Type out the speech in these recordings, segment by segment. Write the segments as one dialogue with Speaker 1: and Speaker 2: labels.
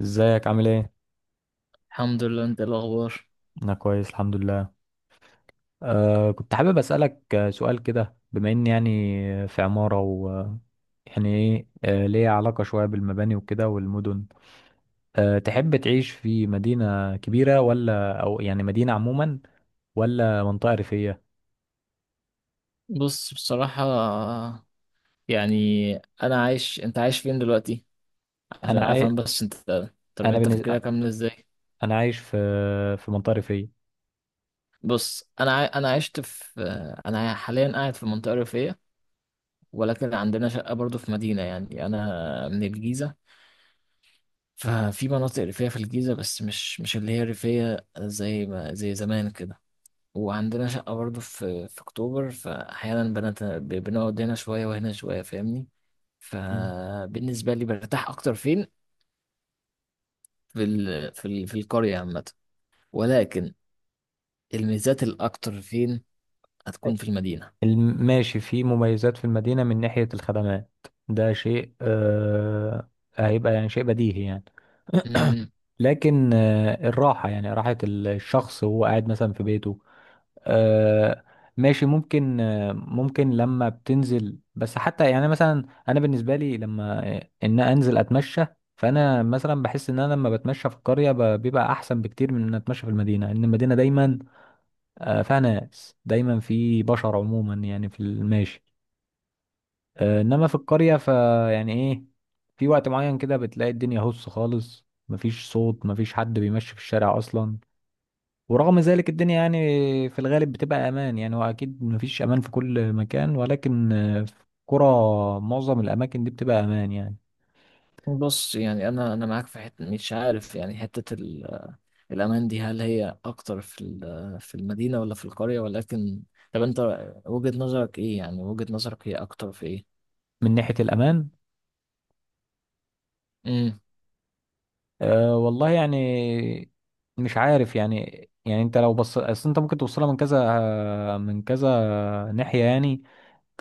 Speaker 1: ازيك عامل ايه؟
Speaker 2: الحمد لله. انت ايه الاخبار؟
Speaker 1: انا كويس الحمد لله. كنت حابب اسألك سؤال كده بما اني يعني في عمارة و يعني ايه ليه علاقة شوية بالمباني وكده والمدن. تحب تعيش في مدينة كبيرة ولا يعني مدينة عموما ولا منطقة ريفية؟
Speaker 2: بص بصراحة، يعني انا عايش، انت عايش فين دلوقتي عشان
Speaker 1: انا عاي...
Speaker 2: افهم بس انت طريقة
Speaker 1: انا بالنسبة
Speaker 2: تفكيرك عاملة ازاي.
Speaker 1: انا عايش في منطقة ريفية.
Speaker 2: بص انا عشت في، انا حاليا قاعد في منطقة ريفية، ولكن عندنا شقة برضو في مدينة. يعني انا من الجيزة، ففي مناطق ريفية في الجيزة، بس مش اللي هي ريفية زي ما زي زمان كده. وعندنا شقة برضه في أكتوبر، فأحيانا بنقعد هنا شوية وهنا شوية، فاهمني؟
Speaker 1: م.
Speaker 2: فبالنسبة لي برتاح أكتر فين؟ في القرية عامة، ولكن الميزات الأكتر فين هتكون؟ في المدينة.
Speaker 1: ماشي، في مميزات في المدينة من ناحية الخدمات، ده شيء هيبقى يعني شيء بديهي يعني.
Speaker 2: أمم،
Speaker 1: لكن الراحة، يعني راحة الشخص وهو قاعد مثلا في بيته، آه، ماشي ممكن ممكن لما بتنزل بس حتى يعني مثلا أنا بالنسبة لي لما إن أنزل أتمشى. فأنا مثلا بحس إن أنا لما بتمشى في القرية بيبقى أحسن بكتير من إن أتمشى في المدينة، لأن المدينة دايما فيها ناس دايما، في بشر عموما يعني في الماشي. إنما في القرية فيعني إيه، في وقت معين كده بتلاقي الدنيا هص خالص، مفيش صوت، مفيش حد بيمشي في الشارع أصلا. ورغم ذلك الدنيا يعني في الغالب بتبقى امان يعني، واكيد مفيش امان في كل مكان، ولكن في كرة معظم الاماكن دي بتبقى امان يعني.
Speaker 2: بص، يعني أنا معاك في حتة، مش عارف يعني، الأمان دي هل هي أكتر في ال... في المدينة ولا في القرية؟ ولكن طب أنت وجهة نظرك إيه؟ يعني وجهة نظرك هي أكتر في إيه؟
Speaker 1: من ناحية الامان،
Speaker 2: امم
Speaker 1: والله يعني مش عارف يعني. يعني انت لو بص اصل انت ممكن توصلها من كذا ناحية يعني.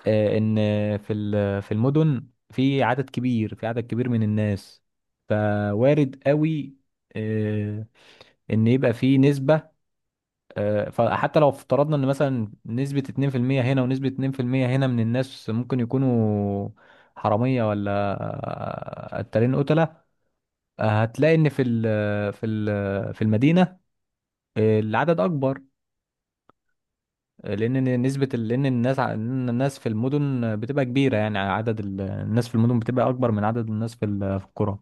Speaker 1: ان في المدن، في عدد كبير من الناس، فوارد قوي آه، ان يبقى في نسبة فحتى لو افترضنا ان مثلا نسبة 2% هنا ونسبة 2% هنا من الناس ممكن يكونوا حرامية ولا قتالين قتلة، هتلاقي ان في المدينة العدد اكبر، لان الناس ع- لأن الناس في المدن بتبقى كبيرة، يعني عدد الناس في المدن بتبقى اكبر من عدد الناس في في القرى،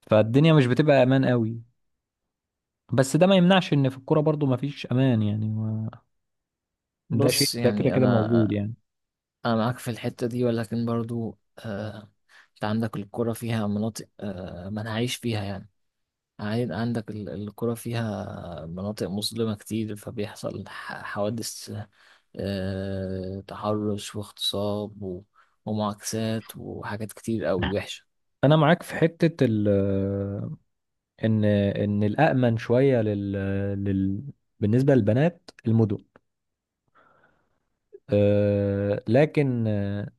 Speaker 1: فالدنيا مش بتبقى امان قوي. بس ده ما يمنعش ان في الكوره برضو ما فيش امان يعني ده شيء
Speaker 2: بص،
Speaker 1: ده كده
Speaker 2: يعني
Speaker 1: كده موجود
Speaker 2: انا
Speaker 1: يعني.
Speaker 2: أنا معاك في الحتة دي، ولكن برضو أنت عندك الكرة فيها مناطق ما نعيش فيها يعني. عندك الكرة فيها مناطق مظلمة كتير، فبيحصل حوادث، تحرش واغتصاب ومعاكسات وحاجات كتير أوي وحشة.
Speaker 1: انا معاك في حتة ال ان الامن شوية لل, لل بالنسبة للبنات المدن، لكن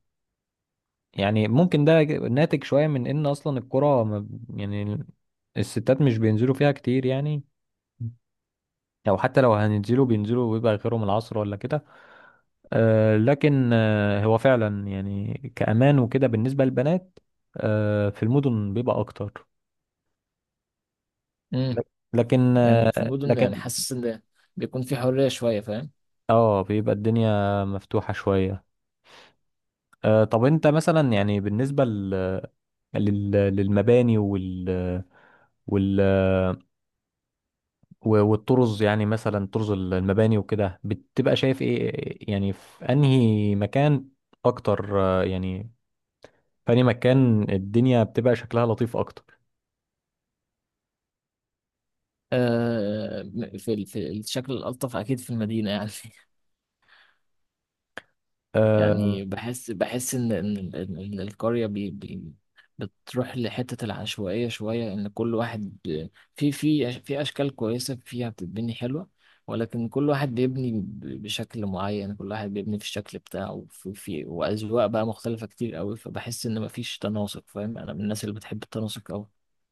Speaker 1: يعني ممكن ده ناتج شوية من ان اصلا القرى يعني الستات مش بينزلوا فيها كتير يعني، او حتى لو هننزلوا بينزلوا ويبقى غيرهم العصر ولا كده. لكن هو فعلا يعني كأمان وكده بالنسبة للبنات، في المدن بيبقى اكتر.
Speaker 2: مم.
Speaker 1: لكن
Speaker 2: يعني في المدن، يعني
Speaker 1: لكن
Speaker 2: حاسس إن بيكون في حرية شوية، فاهم؟
Speaker 1: اه بيبقى الدنيا مفتوحة شوية. طب انت مثلا يعني بالنسبة للمباني وال... والطرز، يعني مثلا طرز المباني وكده بتبقى شايف ايه يعني، في انهي مكان اكتر يعني في انهي مكان الدنيا بتبقى شكلها لطيف اكتر؟
Speaker 2: آه، في ال- في الشكل الألطف أكيد في المدينة يعني.
Speaker 1: آه
Speaker 2: يعني بحس ان إن القريه بي بي بتروح لحته العشوائيه شويه، ان كل واحد في اشكال كويسه فيها بتتبني حلوه، ولكن كل واحد بيبني بشكل معين، كل واحد بيبني في الشكل بتاعه، في واذواق بقى مختلفه كتير قوي، فبحس ان مفيش تناسق فاهم. انا من الناس اللي بتحب التناسق قوي.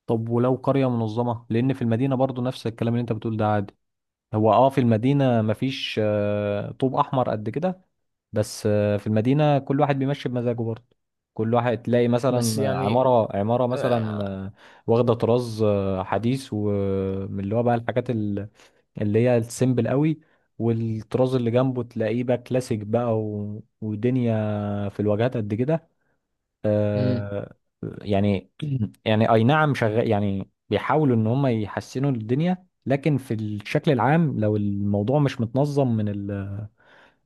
Speaker 1: طب ولو قرية منظمة؟ لان في المدينة برضو نفس الكلام اللي انت بتقول ده عادي. هو اه في المدينة مفيش طوب احمر قد كده، بس في المدينة كل واحد بيمشي بمزاجه برضه. كل واحد تلاقي
Speaker 2: بس
Speaker 1: مثلا
Speaker 2: يعني
Speaker 1: عمارة مثلا
Speaker 2: آه،
Speaker 1: واخدة طراز حديث، ومن اللي هو بقى الحاجات اللي هي السيمبل قوي، والطراز اللي جنبه تلاقيه بقى كلاسيك بقى و... ودنيا في الواجهات قد كده. آه، يعني يعني اي نعم شغال، يعني بيحاولوا ان هم يحسنوا الدنيا، لكن في الشكل العام لو الموضوع مش متنظم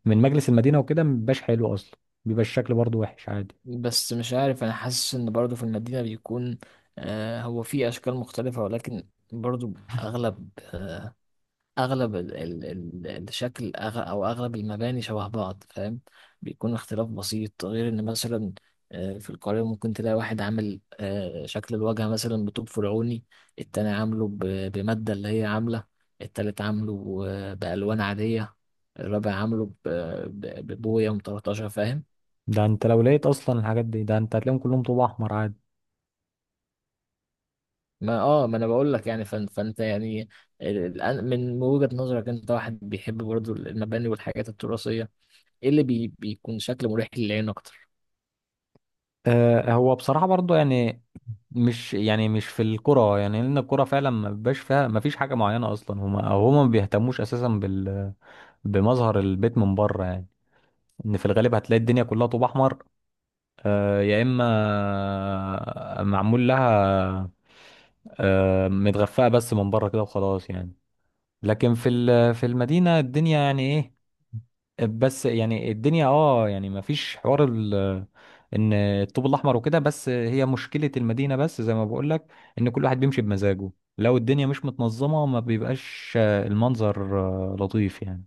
Speaker 1: من مجلس المدينة وكده مبيبقاش حلو أصلا، بيبقى الشكل برضو وحش عادي.
Speaker 2: بس مش عارف، انا حاسس ان برضو في المدينة بيكون، آه، هو في اشكال مختلفة، ولكن برضو اغلب آه اغلب ال ال ال الشكل أغ او اغلب المباني شبه بعض، فاهم. بيكون اختلاف بسيط، غير ان مثلا آه في القاهرة ممكن تلاقي واحد عامل آه شكل الواجهة مثلا بطوب فرعوني، التاني عامله بمادة اللي هي عاملة، التالت عامله بألوان عادية، الرابع عامله ببوية مطرطشة، فاهم؟
Speaker 1: ده أنت لو لقيت أصلا الحاجات دي، ده أنت هتلاقيهم كلهم طوب أحمر عادي.
Speaker 2: ما اه ما انا بقول لك يعني فانت يعني، من وجهة نظرك انت واحد بيحب برضو المباني والحاجات التراثية، ايه اللي بيكون شكل مريح للعين اكتر؟
Speaker 1: هو بصراحة برضو يعني مش يعني مش في الكرة يعني، لأن الكرة فعلا ما بيبقاش فيها ما فيش حاجة معينة أصلا، هما ما بيهتموش أساسا بمظهر البيت من بره يعني. إن في الغالب هتلاقي الدنيا كلها طوب أحمر، يا إما معمول لها متغفاء بس من بره كده وخلاص يعني. لكن في في المدينة الدنيا يعني إيه، بس يعني الدنيا اه يعني ما فيش حوار ال ان الطوب الاحمر وكده. بس هي مشكله المدينه، بس زي ما بقول لك ان كل واحد بيمشي بمزاجه، لو الدنيا مش متنظمه ما بيبقاش المنظر لطيف يعني.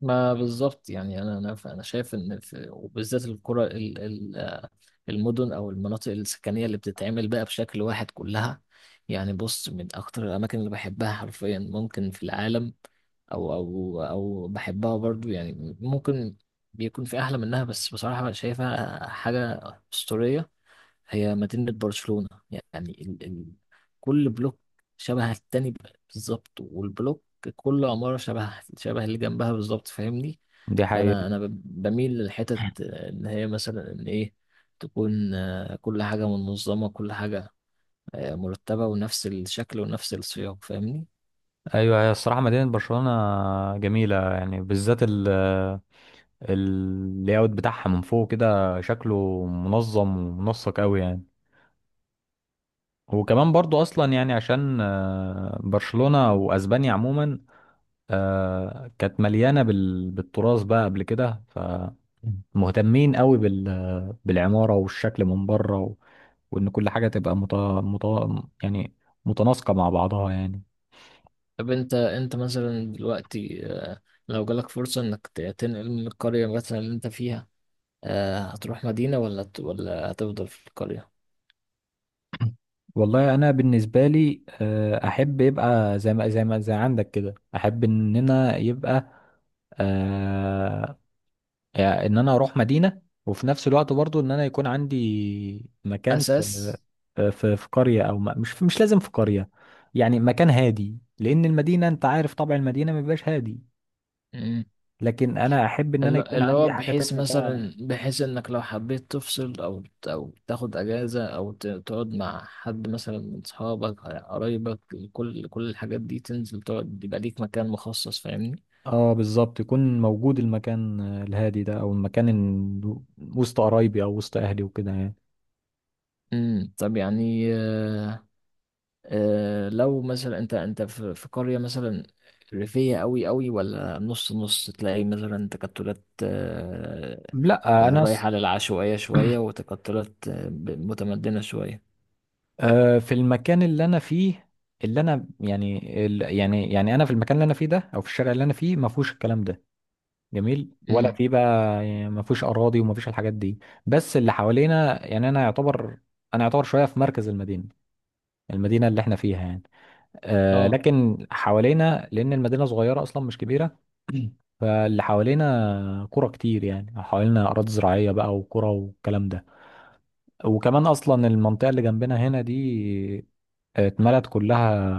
Speaker 2: ما بالظبط، يعني انا شايف ان في، وبالذات القرى ال- المدن او المناطق السكنية اللي بتتعمل بقى بشكل واحد كلها. يعني بص، من اكتر الاماكن اللي بحبها حرفيا ممكن في العالم، او او او بحبها برضو يعني، ممكن بيكون في احلى منها، بس بصراحة شايفها حاجة أسطورية، هي مدينة برشلونة. يعني ال... ال... كل بلوك شبه التاني بالظبط، والبلوك كل عمارة شبه اللي جنبها بالظبط، فاهمني؟
Speaker 1: دي حقيقة.
Speaker 2: بميل للحتت إن هي مثلا إن إيه، تكون كل حاجة منظمة، كل حاجة مرتبة، ونفس الشكل ونفس السياق، فاهمني؟
Speaker 1: أيوة، هي الصراحة مدينة برشلونة جميلة، يعني بالذات اللاyout بتاعها من فوق كده شكله منظم ومنسق أوي يعني. وكمان برضو أصلا يعني عشان برشلونة وأسبانيا عموما كانت مليانة بالتراث بقى قبل كده، فمهتمين قوي بالعمارة والشكل من بره و... وإن كل حاجة تبقى مت... يعني متناسقة مع بعضها يعني.
Speaker 2: طب أنت مثلا دلوقتي، لو جالك فرصة إنك تنقل من القرية مثلا اللي أنت فيها، هتروح مدينة ولا هتفضل في القرية؟
Speaker 1: والله أنا بالنسبة لي أحب يبقى زي ما زي ما زي عندك كده. أحب إننا يبقى آه، يعني إن أنا أروح مدينة، وفي نفس الوقت برضو إن أنا يكون عندي مكان
Speaker 2: اساس.
Speaker 1: في قرية او ما مش لازم في قرية، يعني مكان هادي، لان المدينة انت عارف طبع المدينة ما بيبقاش هادي.
Speaker 2: مم.
Speaker 1: لكن انا احب ان انا يكون
Speaker 2: اللي هو
Speaker 1: عندي حاجة
Speaker 2: بحيث
Speaker 1: تانية كده.
Speaker 2: مثلا، بحيث انك لو حبيت تفصل او او تاخد اجازه او تقعد مع حد مثلا من اصحابك قرايبك، كل الحاجات دي، تنزل تقعد يبقى ليك مكان مخصص، فاهمني؟
Speaker 1: اه بالظبط، يكون موجود المكان الهادي ده، او المكان وسط قرايبي او وسط اهلي وكده يعني.
Speaker 2: مم. طب يعني لو مثلا انت في قريه مثلا ريفيه قوي ولا نص نص، تلاقي مثلا تكتلات آه،
Speaker 1: لا انا ص-
Speaker 2: رايحه للعشوائيه شويه، وتكتلات متمدنه شويه.
Speaker 1: في المكان اللي انا فيه، اللي انا يعني يعني انا في المكان اللي انا فيه ده، او في الشارع اللي انا فيه، ما فيهوش الكلام ده جميل ولا في بقى، يعني ما فيش اراضي وما فيش الحاجات دي. بس اللي حوالينا يعني انا يعتبر شويه في مركز المدينه، المدينه اللي احنا فيها يعني.
Speaker 2: اه.
Speaker 1: لكن حوالينا، لان المدينه صغيره اصلا مش كبيره، فاللي حوالينا قرى كتير، يعني حوالينا اراضي زراعيه بقى وقرى والكلام ده. وكمان اصلا المنطقه اللي جنبنا هنا دي اتملت كلها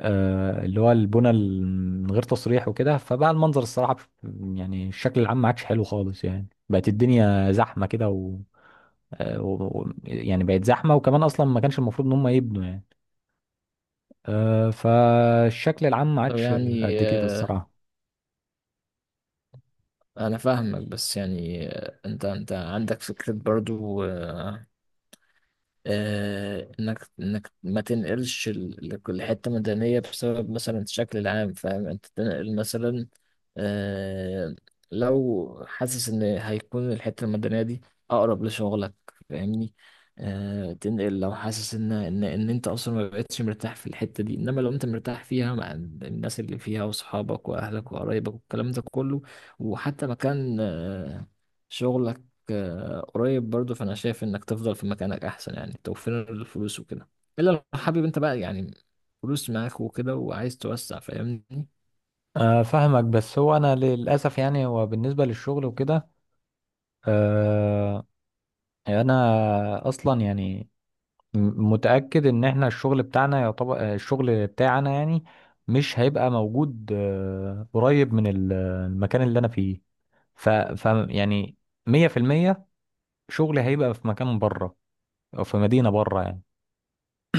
Speaker 1: اللي هو البنى من غير تصريح وكده، فبقى المنظر الصراحة يعني الشكل العام ما عادش حلو خالص يعني، بقت الدنيا زحمة كده و... يعني بقت زحمة، وكمان أصلا ما كانش المفروض إن هم يبنوا يعني. فالشكل العام ما
Speaker 2: طب
Speaker 1: عادش
Speaker 2: يعني،
Speaker 1: قد كده الصراحة.
Speaker 2: انا فاهمك، بس يعني انت عندك فكرة برضو انك ما تنقلش لكل حته مدنيه بسبب مثلا الشكل العام، فاهم؟ انت تنقل مثلا، آه، لو حاسس ان هيكون الحته المدنيه دي اقرب لشغلك، فاهمني؟ تنقل لو حاسس ان انت اصلا ما بقتش مرتاح في الحته دي، انما لو انت مرتاح فيها مع الناس اللي فيها واصحابك واهلك وقرايبك والكلام ده كله، وحتى مكان شغلك قريب برضو، فانا شايف انك تفضل في مكانك احسن، يعني توفير الفلوس وكده، الا لو حابب انت بقى، يعني فلوس معاك وكده، وعايز توسع، فاهمني؟
Speaker 1: فاهمك، بس هو أنا للأسف يعني هو بالنسبة للشغل وكده آه، أنا أصلا يعني متأكد ان احنا الشغل بتاعنا، يعتبر الشغل بتاعنا يعني مش هيبقى موجود قريب من المكان اللي انا فيه. ف يعني 100% شغلي هيبقى في مكان بره، او في مدينة بره يعني.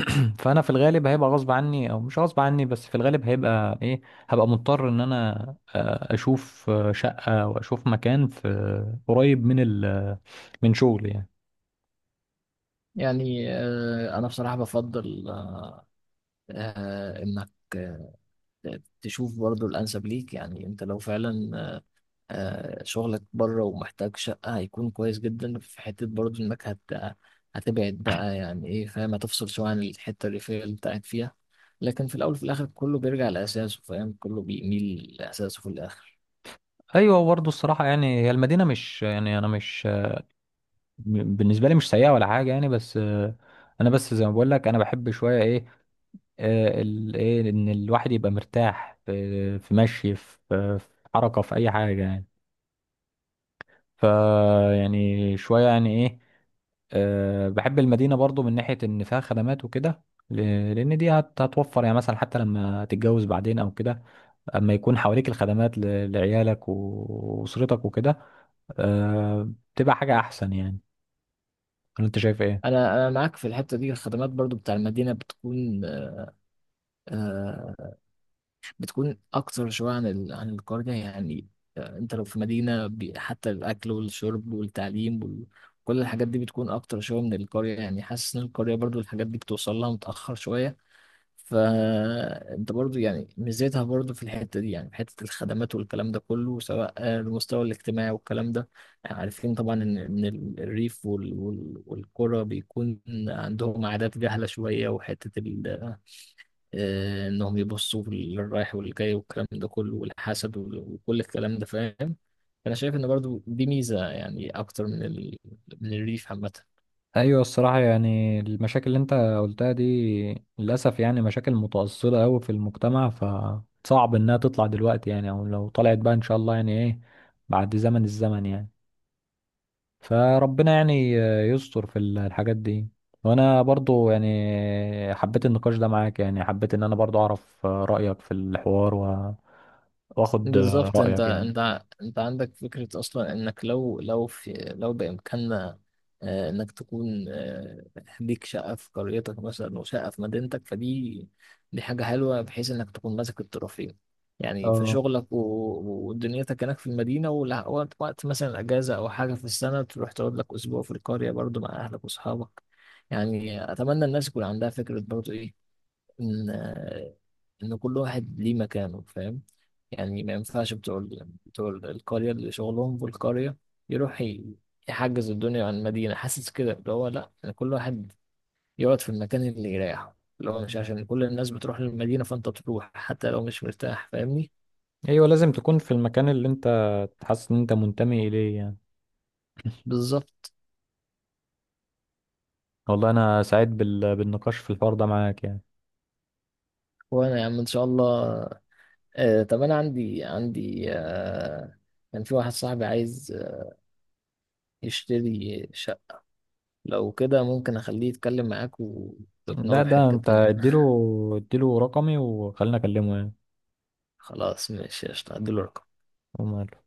Speaker 1: فانا في الغالب هيبقى غصب عني او مش غصب عني، بس في الغالب هيبقى ايه، هبقى مضطر ان انا اشوف شقة واشوف مكان قريب من من شغلي يعني.
Speaker 2: يعني انا بصراحة بفضل انك آه، تشوف برضو الانسب ليك. يعني انت لو فعلا شغلك بره ومحتاج شقة، هيكون كويس جدا في حتة برضه إنك هتبعد بقى، يعني إيه فاهم، هتفصل شوية عن الحتة الريفية اللي أنت قاعد فيها. لكن في الأول وفي الآخر كله بيرجع لأساسه، فاهم؟ كله بيميل لأساسه في الآخر.
Speaker 1: ايوه برضه الصراحه يعني، هي المدينه مش يعني انا مش بالنسبه لي مش سيئه ولا حاجه يعني، بس انا بس زي ما بقول لك انا بحب شويه ايه ايه ان الواحد يبقى مرتاح في في مشي في في حركه في اي حاجه يعني. ف يعني شويه يعني ايه بحب المدينه برضو من ناحيه ان فيها خدمات وكده، لان دي هتوفر يعني مثلا حتى لما تتجوز بعدين او كده، اما يكون حواليك الخدمات لعيالك واسرتك وكده بتبقى حاجه احسن يعني. ولا انت شايف ايه؟
Speaker 2: أنا معاك في الحتة دي. الخدمات برضه بتاع المدينة بتكون، آه، بتكون اكتر شويه عن ال... عن القريه يعني. انت لو في مدينه حتى الاكل والشرب والتعليم وال... كل الحاجات دي بتكون اكتر شويه من القريه. يعني حاسس ان القريه برضو الحاجات دي بتوصل لها متاخر شويه. فانت برضو يعني ميزتها برضو في الحته دي، يعني في حته الخدمات والكلام ده كله، سواء المستوى الاجتماعي والكلام ده. يعني عارفين طبعا الريف والقرى بيكون عندهم عادات جهله شويه، وحته ال... انهم يبصوا للرايح والجاي والكلام ده كله، والحسد وكل الكلام ده، فاهم؟ فانا شايف ان برضو دي ميزه يعني، اكتر من ال... من الريف عامه.
Speaker 1: ايوه الصراحه يعني، المشاكل اللي انت قلتها دي للاسف يعني مشاكل متأصلة قوي في المجتمع، فصعب انها تطلع دلوقتي يعني، او لو طلعت بقى ان شاء الله يعني ايه بعد الزمن يعني. فربنا يعني يستر في الحاجات دي. وانا برضو يعني حبيت النقاش ده معاك، يعني حبيت ان انا برضو اعرف رأيك في الحوار واخد
Speaker 2: بالظبط. انت
Speaker 1: رأيك يعني.
Speaker 2: انت انت عندك فكرة اصلا، انك لو لو في لو بامكاننا، انك تكون ليك شقة في قريتك مثلا وشقة في مدينتك، فدي دي حاجة حلوة بحيث انك تكون ماسك الطرفين. يعني في
Speaker 1: اه
Speaker 2: شغلك ودنيتك هناك في المدينة، وقت مثلا اجازة او حاجة في السنة، تروح تقعد لك اسبوع في القرية برضو مع اهلك واصحابك. يعني اتمنى الناس يكون عندها فكرة برضو ايه، ان ان كل واحد ليه مكانه، فاهم؟ يعني ما ينفعش بتوع القرية اللي شغلهم في القرية يروح يحجز الدنيا عن المدينة، حاسس كده اللي هو لا، يعني كل واحد يقعد في المكان اللي يريحه، اللي هو مش عشان كل الناس بتروح للمدينة فأنت تروح حتى لو مش مرتاح، فاهمني؟
Speaker 1: ايوه، لازم تكون في المكان اللي انت تحس ان انت منتمي اليه يعني.
Speaker 2: بالظبط.
Speaker 1: والله انا سعيد بالنقاش في الحوار ده معاك يعني.
Speaker 2: وأنا يا عم إن شاء الله. آه، طب أنا عندي آه، كان في واحد صاحبي عايز يشتري شقة، لو كده ممكن أخليه يتكلم معاك
Speaker 1: ده
Speaker 2: وتقنعه
Speaker 1: ده
Speaker 2: بحتة
Speaker 1: انت
Speaker 2: إن.
Speaker 1: اديله رقمي وخلينا اكلمه يعني.
Speaker 2: خلاص ماشي، قشطة، هديله رقم
Speaker 1: وما-